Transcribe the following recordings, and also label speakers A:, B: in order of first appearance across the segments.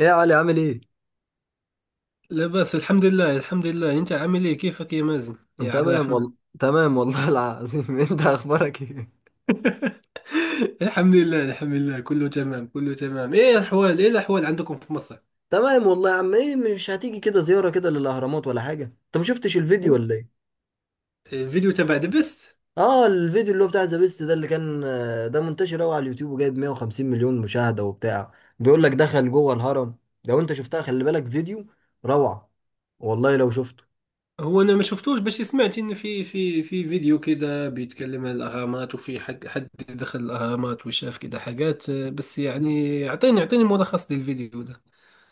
A: ايه يا علي عامل ايه؟
B: لا بأس، الحمد لله، الحمد لله. انت عامل ايه؟ كيفك يا مازن
A: أنا
B: يا عبد
A: تمام
B: الرحمن؟
A: والله. تمام والله العظيم. انت اخبارك ايه؟
B: الحمد لله، الحمد لله، كله تمام كله تمام. ايه الاحوال، ايه الاحوال عندكم في مصر؟
A: تمام والله يا عم. ايه، مش هتيجي كده زيارة كده للاهرامات ولا حاجة؟ انت ما شفتش الفيديو ولا ايه؟
B: الفيديو تبع دبست.
A: اه، الفيديو اللي هو بتاع ذا بيست ده اللي كان ده منتشر قوي على اليوتيوب وجايب 150 مليون مشاهدة وبتاع. بيقول لك دخل جوه الهرم. لو انت شفتها خلي بالك، فيديو روعة والله لو شفته.
B: هو انا ما شفتوش، بس سمعت ان في فيديو كده بيتكلم عن الاهرامات، وفي حد دخل الاهرامات وشاف كده حاجات، بس يعني اعطيني اعطيني ملخص للفيديو ده.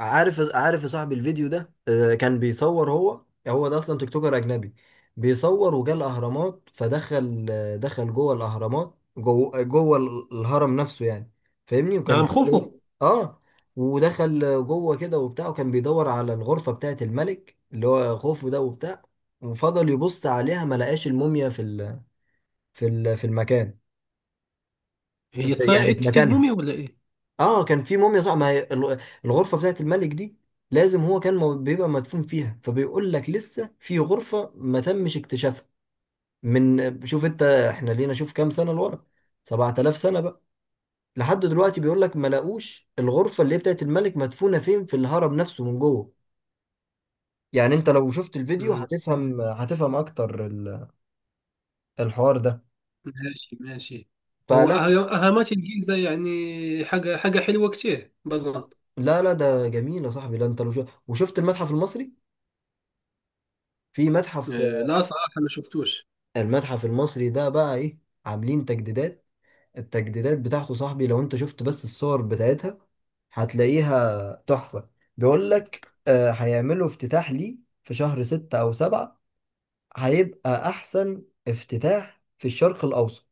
A: عارف عارف يا صاحبي، الفيديو ده كان بيصور هو. هو ده اصلا تيك توكر اجنبي. بيصور وجا الاهرامات فدخل آه، دخل جوه الاهرامات، جوه جوه الهرم نفسه يعني، فاهمني.
B: انا
A: وكان في زي،
B: مخوفه.
A: اه، ودخل جوه كده وبتاع، وكان بيدور على الغرفه بتاعه الملك اللي هو خوفو ده وبتاع. وفضل يبص عليها ما لقاش الموميا في المكان،
B: هي
A: في يعني
B: تصارعة
A: في مكانها.
B: الموميا ولا ايه؟
A: اه، كان في موميا صح، ما هي الغرفه بتاعت الملك دي لازم هو كان بيبقى مدفون فيها. فبيقول لك لسه في غرفه ما تمش اكتشافها. من شوف انت، احنا لينا شوف كام سنه لورا؟ 7000 سنه بقى. لحد دلوقتي بيقول لك ما لاقوش الغرفه اللي هي بتاعت الملك مدفونه فين في الهرم نفسه من جوه. يعني انت لو شفت الفيديو
B: مم.
A: هتفهم اكتر الحوار ده.
B: ماشي ماشي. هو
A: فلا،
B: ها ماتش الجيزة يعني حاجة حاجة حلوة كتير بظن.
A: لا لا، ده جميل يا صاحبي. لا انت لو شفت وشفت المتحف المصري، في متحف.
B: آه، لا صراحة ما شفتوش.
A: المتحف المصري ده بقى ايه، عاملين تجديدات. التجديدات بتاعته صاحبي، لو انت شفت بس الصور بتاعتها هتلاقيها تحفة. بيقول لك هيعملوا افتتاح ليه في شهر 6 أو 7. هيبقى احسن افتتاح في الشرق الاوسط.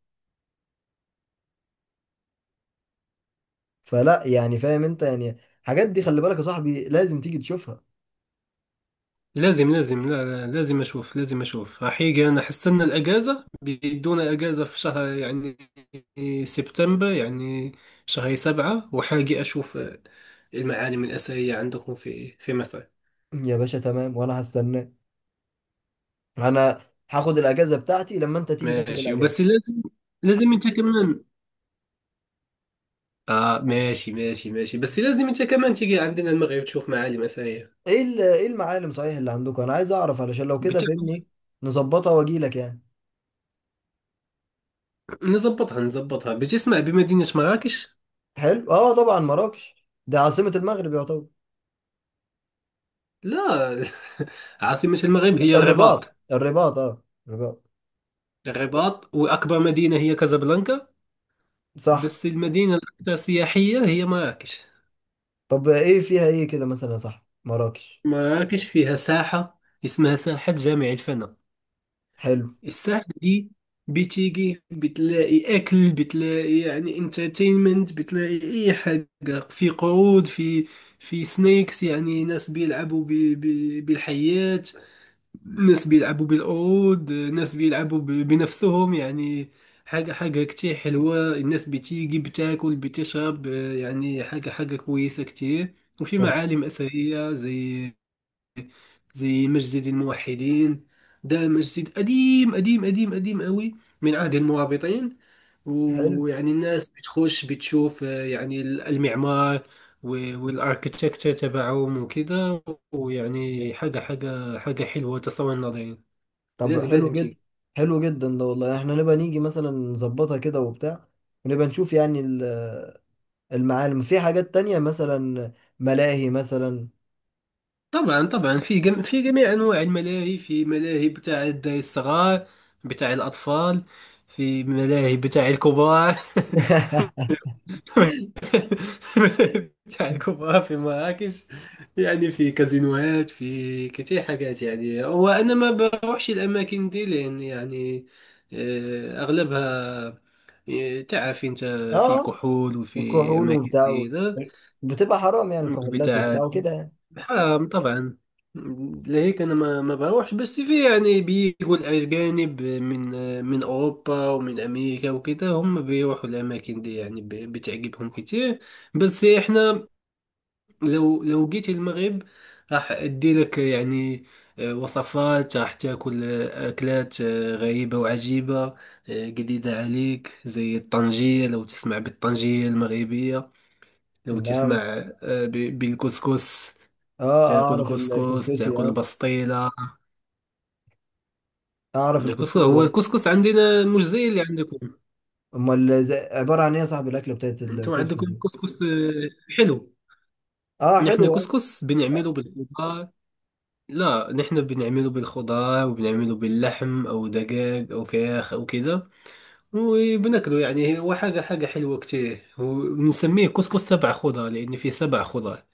A: فلا يعني، فاهم انت يعني. الحاجات دي خلي بالك يا صاحبي، لازم تيجي تشوفها.
B: لازم لازم، لا لا، لازم أشوف، لازم أشوف حقيقة. أنا حستنى الأجازة، بيدونا أجازة في شهر يعني سبتمبر، يعني شهر سبعة وحاجة أشوف المعالم الأثرية عندكم في مصر.
A: يا باشا تمام، وانا هستناك. انا هاخد الاجازة بتاعتي لما انت تيجي تاخد
B: ماشي وبس
A: الاجازة.
B: لازم، لازم أنت كمان. آه، ماشي ماشي ماشي، بس لازم أنت كمان تيجي عندنا المغرب تشوف معالم أثرية.
A: ايه المعالم صحيح اللي عندكم؟ انا عايز اعرف، علشان لو كده فهمني نظبطها واجي لك يعني.
B: نظبطها نظبطها، باش اسمع بمدينة مراكش.
A: حلو. اه، طبعا مراكش ده عاصمة المغرب يعتبر.
B: لا، عاصمة المغرب هي الرباط.
A: الرباط الرباط، اه، الرباط.
B: الرباط، وأكبر مدينة هي كازابلانكا.
A: صح.
B: بس المدينة الأكثر سياحية هي مراكش.
A: طب ايه فيها ايه كده مثلا، صح، مراكش؟
B: مراكش فيها ساحة اسمها ساحة جامع الفناء.
A: حلو.
B: الساحة دي بتيجي بتلاقي أكل، بتلاقي يعني انترتينمنت، بتلاقي أي حاجة، في قرود، في سنيكس، يعني ناس بيلعبوا بالحيات، ناس بيلعبوا بالعود، ناس بيلعبوا بنفسهم يعني. حاجة حاجة كتير حلوة، الناس بتيجي بتاكل بتشرب، يعني حاجة حاجة كويسة كتير. وفي
A: طب
B: معالم أثرية زي مسجد الموحدين. ده مسجد قديم قديم قديم قديم قوي، من عهد المرابطين.
A: حلو.
B: ويعني الناس بتخش بتشوف يعني المعمار والاركتكتشر تبعهم وكده. ويعني حاجة حاجة حاجة حلوة، تصور نظير.
A: طب
B: لازم
A: حلو
B: لازم
A: جدا.
B: تيجي.
A: حلو جدا ده والله. احنا نبقى نيجي مثلا، نظبطها كده وبتاع، ونبقى نشوف يعني المعالم، في حاجات تانية مثلا، ملاهي مثلا.
B: طبعا طبعا، في جميع انواع الملاهي، في ملاهي بتاع الدراري الصغار، بتاع الاطفال. في ملاهي بتاع الكبار. ملاهي بتاع الكبار في مراكش، يعني في كازينوهات، في كتير حاجات يعني. وانا ما بروحش الاماكن دي، لان يعني آه، اغلبها تعرف انت، في
A: اه،
B: كحول وفي
A: الكحول
B: اماكن
A: وبتاع
B: زي ده
A: بتبقى حرام يعني، الكحولات
B: بتاع.
A: وبتاع وكده يعني.
B: آه طبعا. لهيك انا ما بروحش، بس في يعني بيجوا الاجانب من اوروبا ومن امريكا، وكده هم بيروحوا الاماكن دي، يعني بتعجبهم كتير. بس احنا، لو جيت المغرب، راح ادي لك يعني وصفات، راح تاكل اكلات غريبة وعجيبة، جديدة عليك، زي الطنجية، لو تسمع بالطنجية المغربية، لو تسمع
A: لا.
B: بالكسكس.
A: اه،
B: تاكل
A: اعرف
B: كسكس،
A: الكسكسي،
B: تاكل
A: اه.
B: بسطيلة.
A: اعرف
B: الكسكس،
A: الكسكسي،
B: هو
A: اه.
B: الكسكس عندنا مش زي اللي عندكم.
A: امال عباره عن ايه يا صاحبي الاكله بتاعت
B: انتم
A: الكسكس
B: عندكم
A: دي؟
B: كسكس حلو.
A: اه،
B: نحن
A: حلوه.
B: كسكس بنعمله بالخضار. لا، نحن بنعمله بالخضار، وبنعمله باللحم او دجاج او فراخ او كده. وبناكله يعني، هو حاجة حاجة حلوة كتير، وبنسميه كسكس سبع خضار لان فيه سبع خضار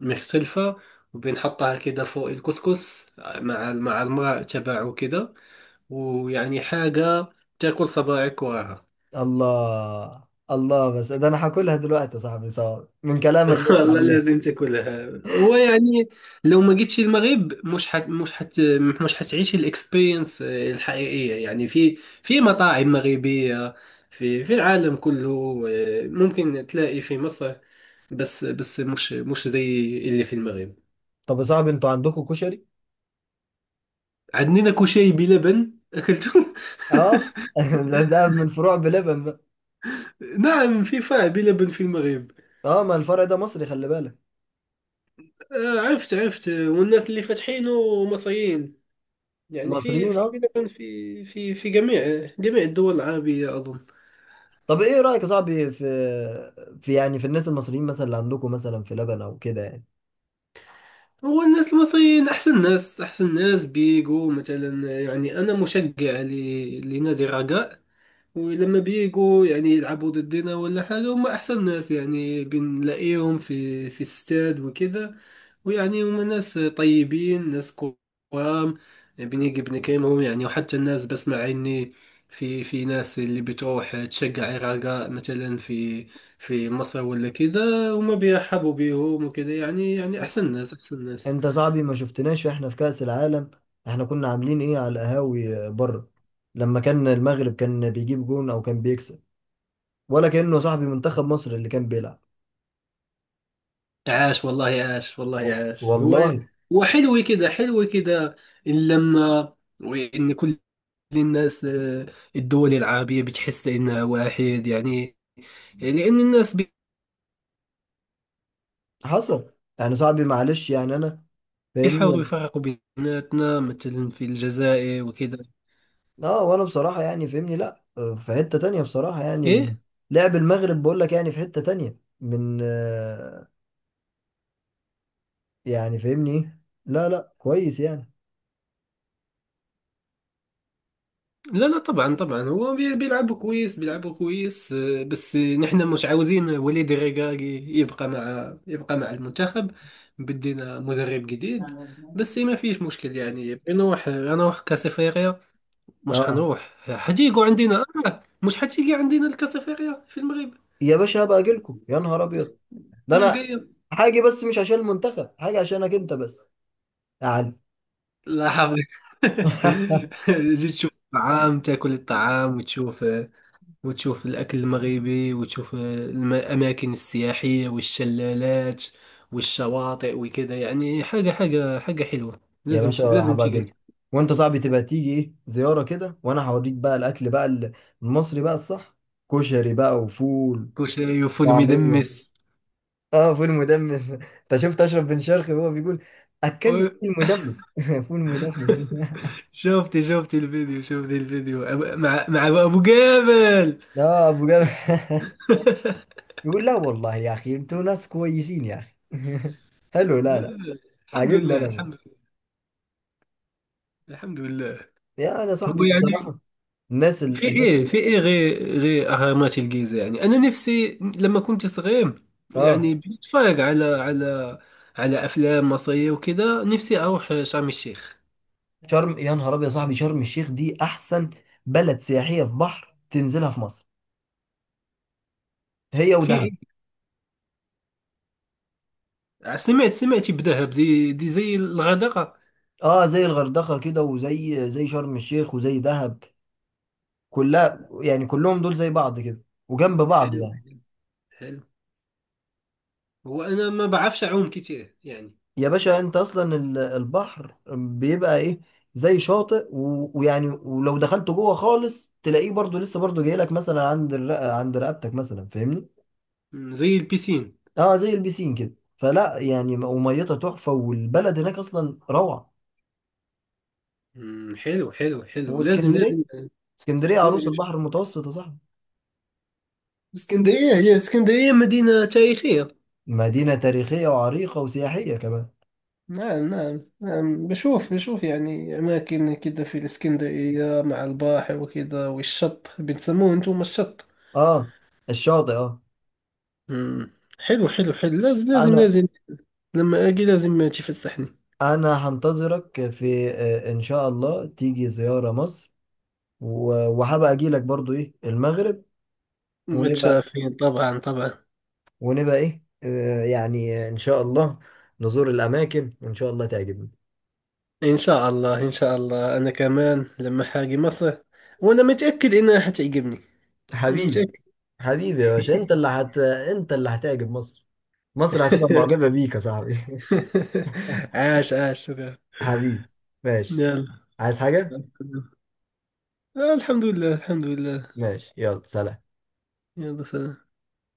B: مختلفة. وبنحطها كده فوق الكسكس مع الماء تبعه كده. ويعني حاجة تاكل صباعك وراها.
A: الله. الله، بس ده انا هاكلها دلوقتي يا صاحبي، صعب من كلامك بس
B: والله
A: عنها.
B: لازم تاكلها. هو يعني لو ما جيتش المغرب مش حتعيش الاكسبيرينس الحقيقية يعني، في مطاعم مغربية في العالم كله ممكن تلاقي في مصر، بس مش زي اللي في المغرب.
A: طب يا صاحبي، انتوا عندكم كشري؟
B: عندنا كشري بلبن أكلته.
A: اه. ده من فروع بلبن بقى.
B: نعم، فيفا بلبن في المغرب.
A: اه، ما الفرع ده مصري، خلي بالك.
B: آه، عرفت عرفت والناس اللي فاتحينه مصريين. يعني في
A: مصريين،
B: في
A: اه.
B: بلبن في جميع الدول العربية أظن.
A: طب ايه رايك يا صاحبي في الناس المصريين مثلا اللي عندكم مثلا في لبن او كده يعني؟
B: هو الناس المصريين أحسن ناس أحسن ناس، بيجو مثلا. يعني أنا مشجع لنادي الرجاء. ولما بيجوا يعني يلعبوا ضدنا ولا حاجة، هم أحسن ناس يعني، بنلاقيهم في استاد وكذا. ويعني هم ناس طيبين، ناس كرام. بنيجي بنكلمهم يعني، وحتى الناس بسمع إني في ناس اللي بتروح تشجع الرجاء مثلا في في مصر ولا كذا، هما بيرحبوا بيهم وكذا يعني أحسن ناس، أحسن ناس.
A: انت صاحبي ما شفتناش احنا في كأس العالم. احنا كنا عاملين ايه على القهاوي بره، لما كان المغرب كان بيجيب جون او كان بيكسب؟ ولا كأنه صاحبي منتخب مصر اللي كان بيلعب.
B: عاش والله، عاش والله، عاش!
A: والله،
B: هو وحلو كده، حلو كده، اللمة. وإن كل الناس الدول العربية بتحس إنها واحد يعني. لأن الناس
A: حصل. يعني صاحبي معلش، يعني انا فاهمني
B: بيحاولوا
A: يعني.
B: يفرقوا بيناتنا، مثلا في الجزائر وكذا.
A: اه، وانا بصراحة يعني فاهمني، لا في حتة تانية بصراحة يعني
B: إيه.
A: لعب المغرب بقول لك، يعني في حتة تانية من يعني فاهمني، ايه. لا لا، كويس يعني.
B: لا لا، طبعا طبعا، هو بيلعبوا كويس، بيلعبوا كويس بس نحن مش عاوزين وليد الركراكي يبقى مع المنتخب. بدينا مدرب جديد. بس ما فيش مشكل يعني، نروح كاس افريقيا. مش
A: اه.
B: حنروح، حتيجوا عندنا مش حتيجي عندنا الكاس افريقيا في المغرب
A: يا باشا، هبقى اجيلكم يا نهار ابيض. ده
B: السنة
A: انا
B: الجاية.
A: حاجه، بس مش عشان المنتخب، حاجه عشانك انت بس يعني.
B: لا، حافظك. جيت تشوف الطعام، تاكل الطعام، وتشوف الاكل المغربي، وتشوف الاماكن السياحيه والشلالات والشواطئ وكذا، يعني حاجه حاجه حاجه حلوه،
A: يا باشا،
B: لازم
A: هبقى
B: تيجي.
A: اجيلك. وانت صاحبي تبقى تيجي ايه زياره كده، وانا هوريك بقى الاكل بقى المصري بقى الصح. كشري بقى، وفول،
B: كشري وفول
A: وطعميه.
B: مدمس.
A: اه، فول مدمس. انت شفت اشرف بن شرقي وهو بيقول اكلني
B: أو-
A: فول مدمس؟ فول مدمس.
B: شفتي الفيديو، مع ابو جابل.
A: لا، ابو جابر. يقول لا والله يا اخي، انتوا ناس كويسين يا اخي. حلو.
B: لا.
A: لا لا،
B: الحمد
A: عاجبني
B: لله،
A: انا
B: الحمد لله، الحمد لله.
A: يا انا
B: هو
A: صاحبي
B: يعني
A: بصراحه، الناس
B: في
A: الناس،
B: ايه، في ايه غير اهرامات الجيزه، يعني انا نفسي لما كنت صغير
A: اه.
B: يعني بنتفرج على على افلام مصريه وكذا، نفسي اروح شرم الشيخ.
A: شرم يا نهار ابيض يا صاحبي. شرم الشيخ دي احسن بلد سياحيه في بحر تنزلها في مصر، هي
B: في
A: ودهب.
B: ايه؟ سمعتي بدهب، دي زي الغردقه.
A: اه، زي الغردقه كده، وزي شرم الشيخ وزي دهب. كلها يعني، كلهم دول زي بعض كده، وجنب بعض
B: حلو
A: يعني.
B: حلو حلو. هو انا ما بعرفش اعوم كتير يعني.
A: يا باشا انت اصلا البحر بيبقى ايه، زي شاطئ، ويعني ولو دخلت جوه خالص تلاقيه برضو لسه، برضو جاي لك مثلا عند رقبتك مثلا، فاهمني.
B: زي البيسين.
A: اه، زي البيسين كده، فلا يعني، وميتها تحفه، والبلد هناك اصلا روعه.
B: حلو حلو حلو، لازم
A: واسكندريه،
B: لازم
A: اسكندريه
B: لازم
A: عروس
B: نشوف.
A: البحر المتوسط يا صاحبي.
B: اسكندريه، هي اسكندريه مدينه تاريخيه.
A: مدينه تاريخيه وعريقه وسياحيه كمان.
B: نعم نعم نعم، بشوف يعني أماكن كده في الإسكندرية مع البحر وكده، والشط بتسموه أنتم الشط.
A: اه، الشاطئ، اه.
B: مم. حلو حلو حلو، لازم لازم
A: انا،
B: لازم. لما أجي لازم تفسحني.
A: انا هنتظرك في آه، ان شاء الله تيجي زياره مصر. وهبقى اجي لك برضو ايه المغرب. ونبقى
B: متشافين طبعا طبعا.
A: ونبقى ايه يعني ان شاء الله نزور الاماكن، وان شاء الله تعجبني.
B: إن شاء الله، إن شاء الله، أنا كمان لما حاجي مصر وأنا متأكد إنها حتعجبني. أنا
A: حبيبي.
B: متأكد.
A: حبيبي يا باشا، انت اللي هتعجب مصر. مصر هتبقى معجبة بيك يا صاحبي.
B: عاش، عاش، شكرا.
A: حبيبي. ماشي.
B: يلا.
A: عايز حاجة؟
B: الحمد لله، الحمد لله.
A: ماشي، يلا سلام.
B: يلا سلام.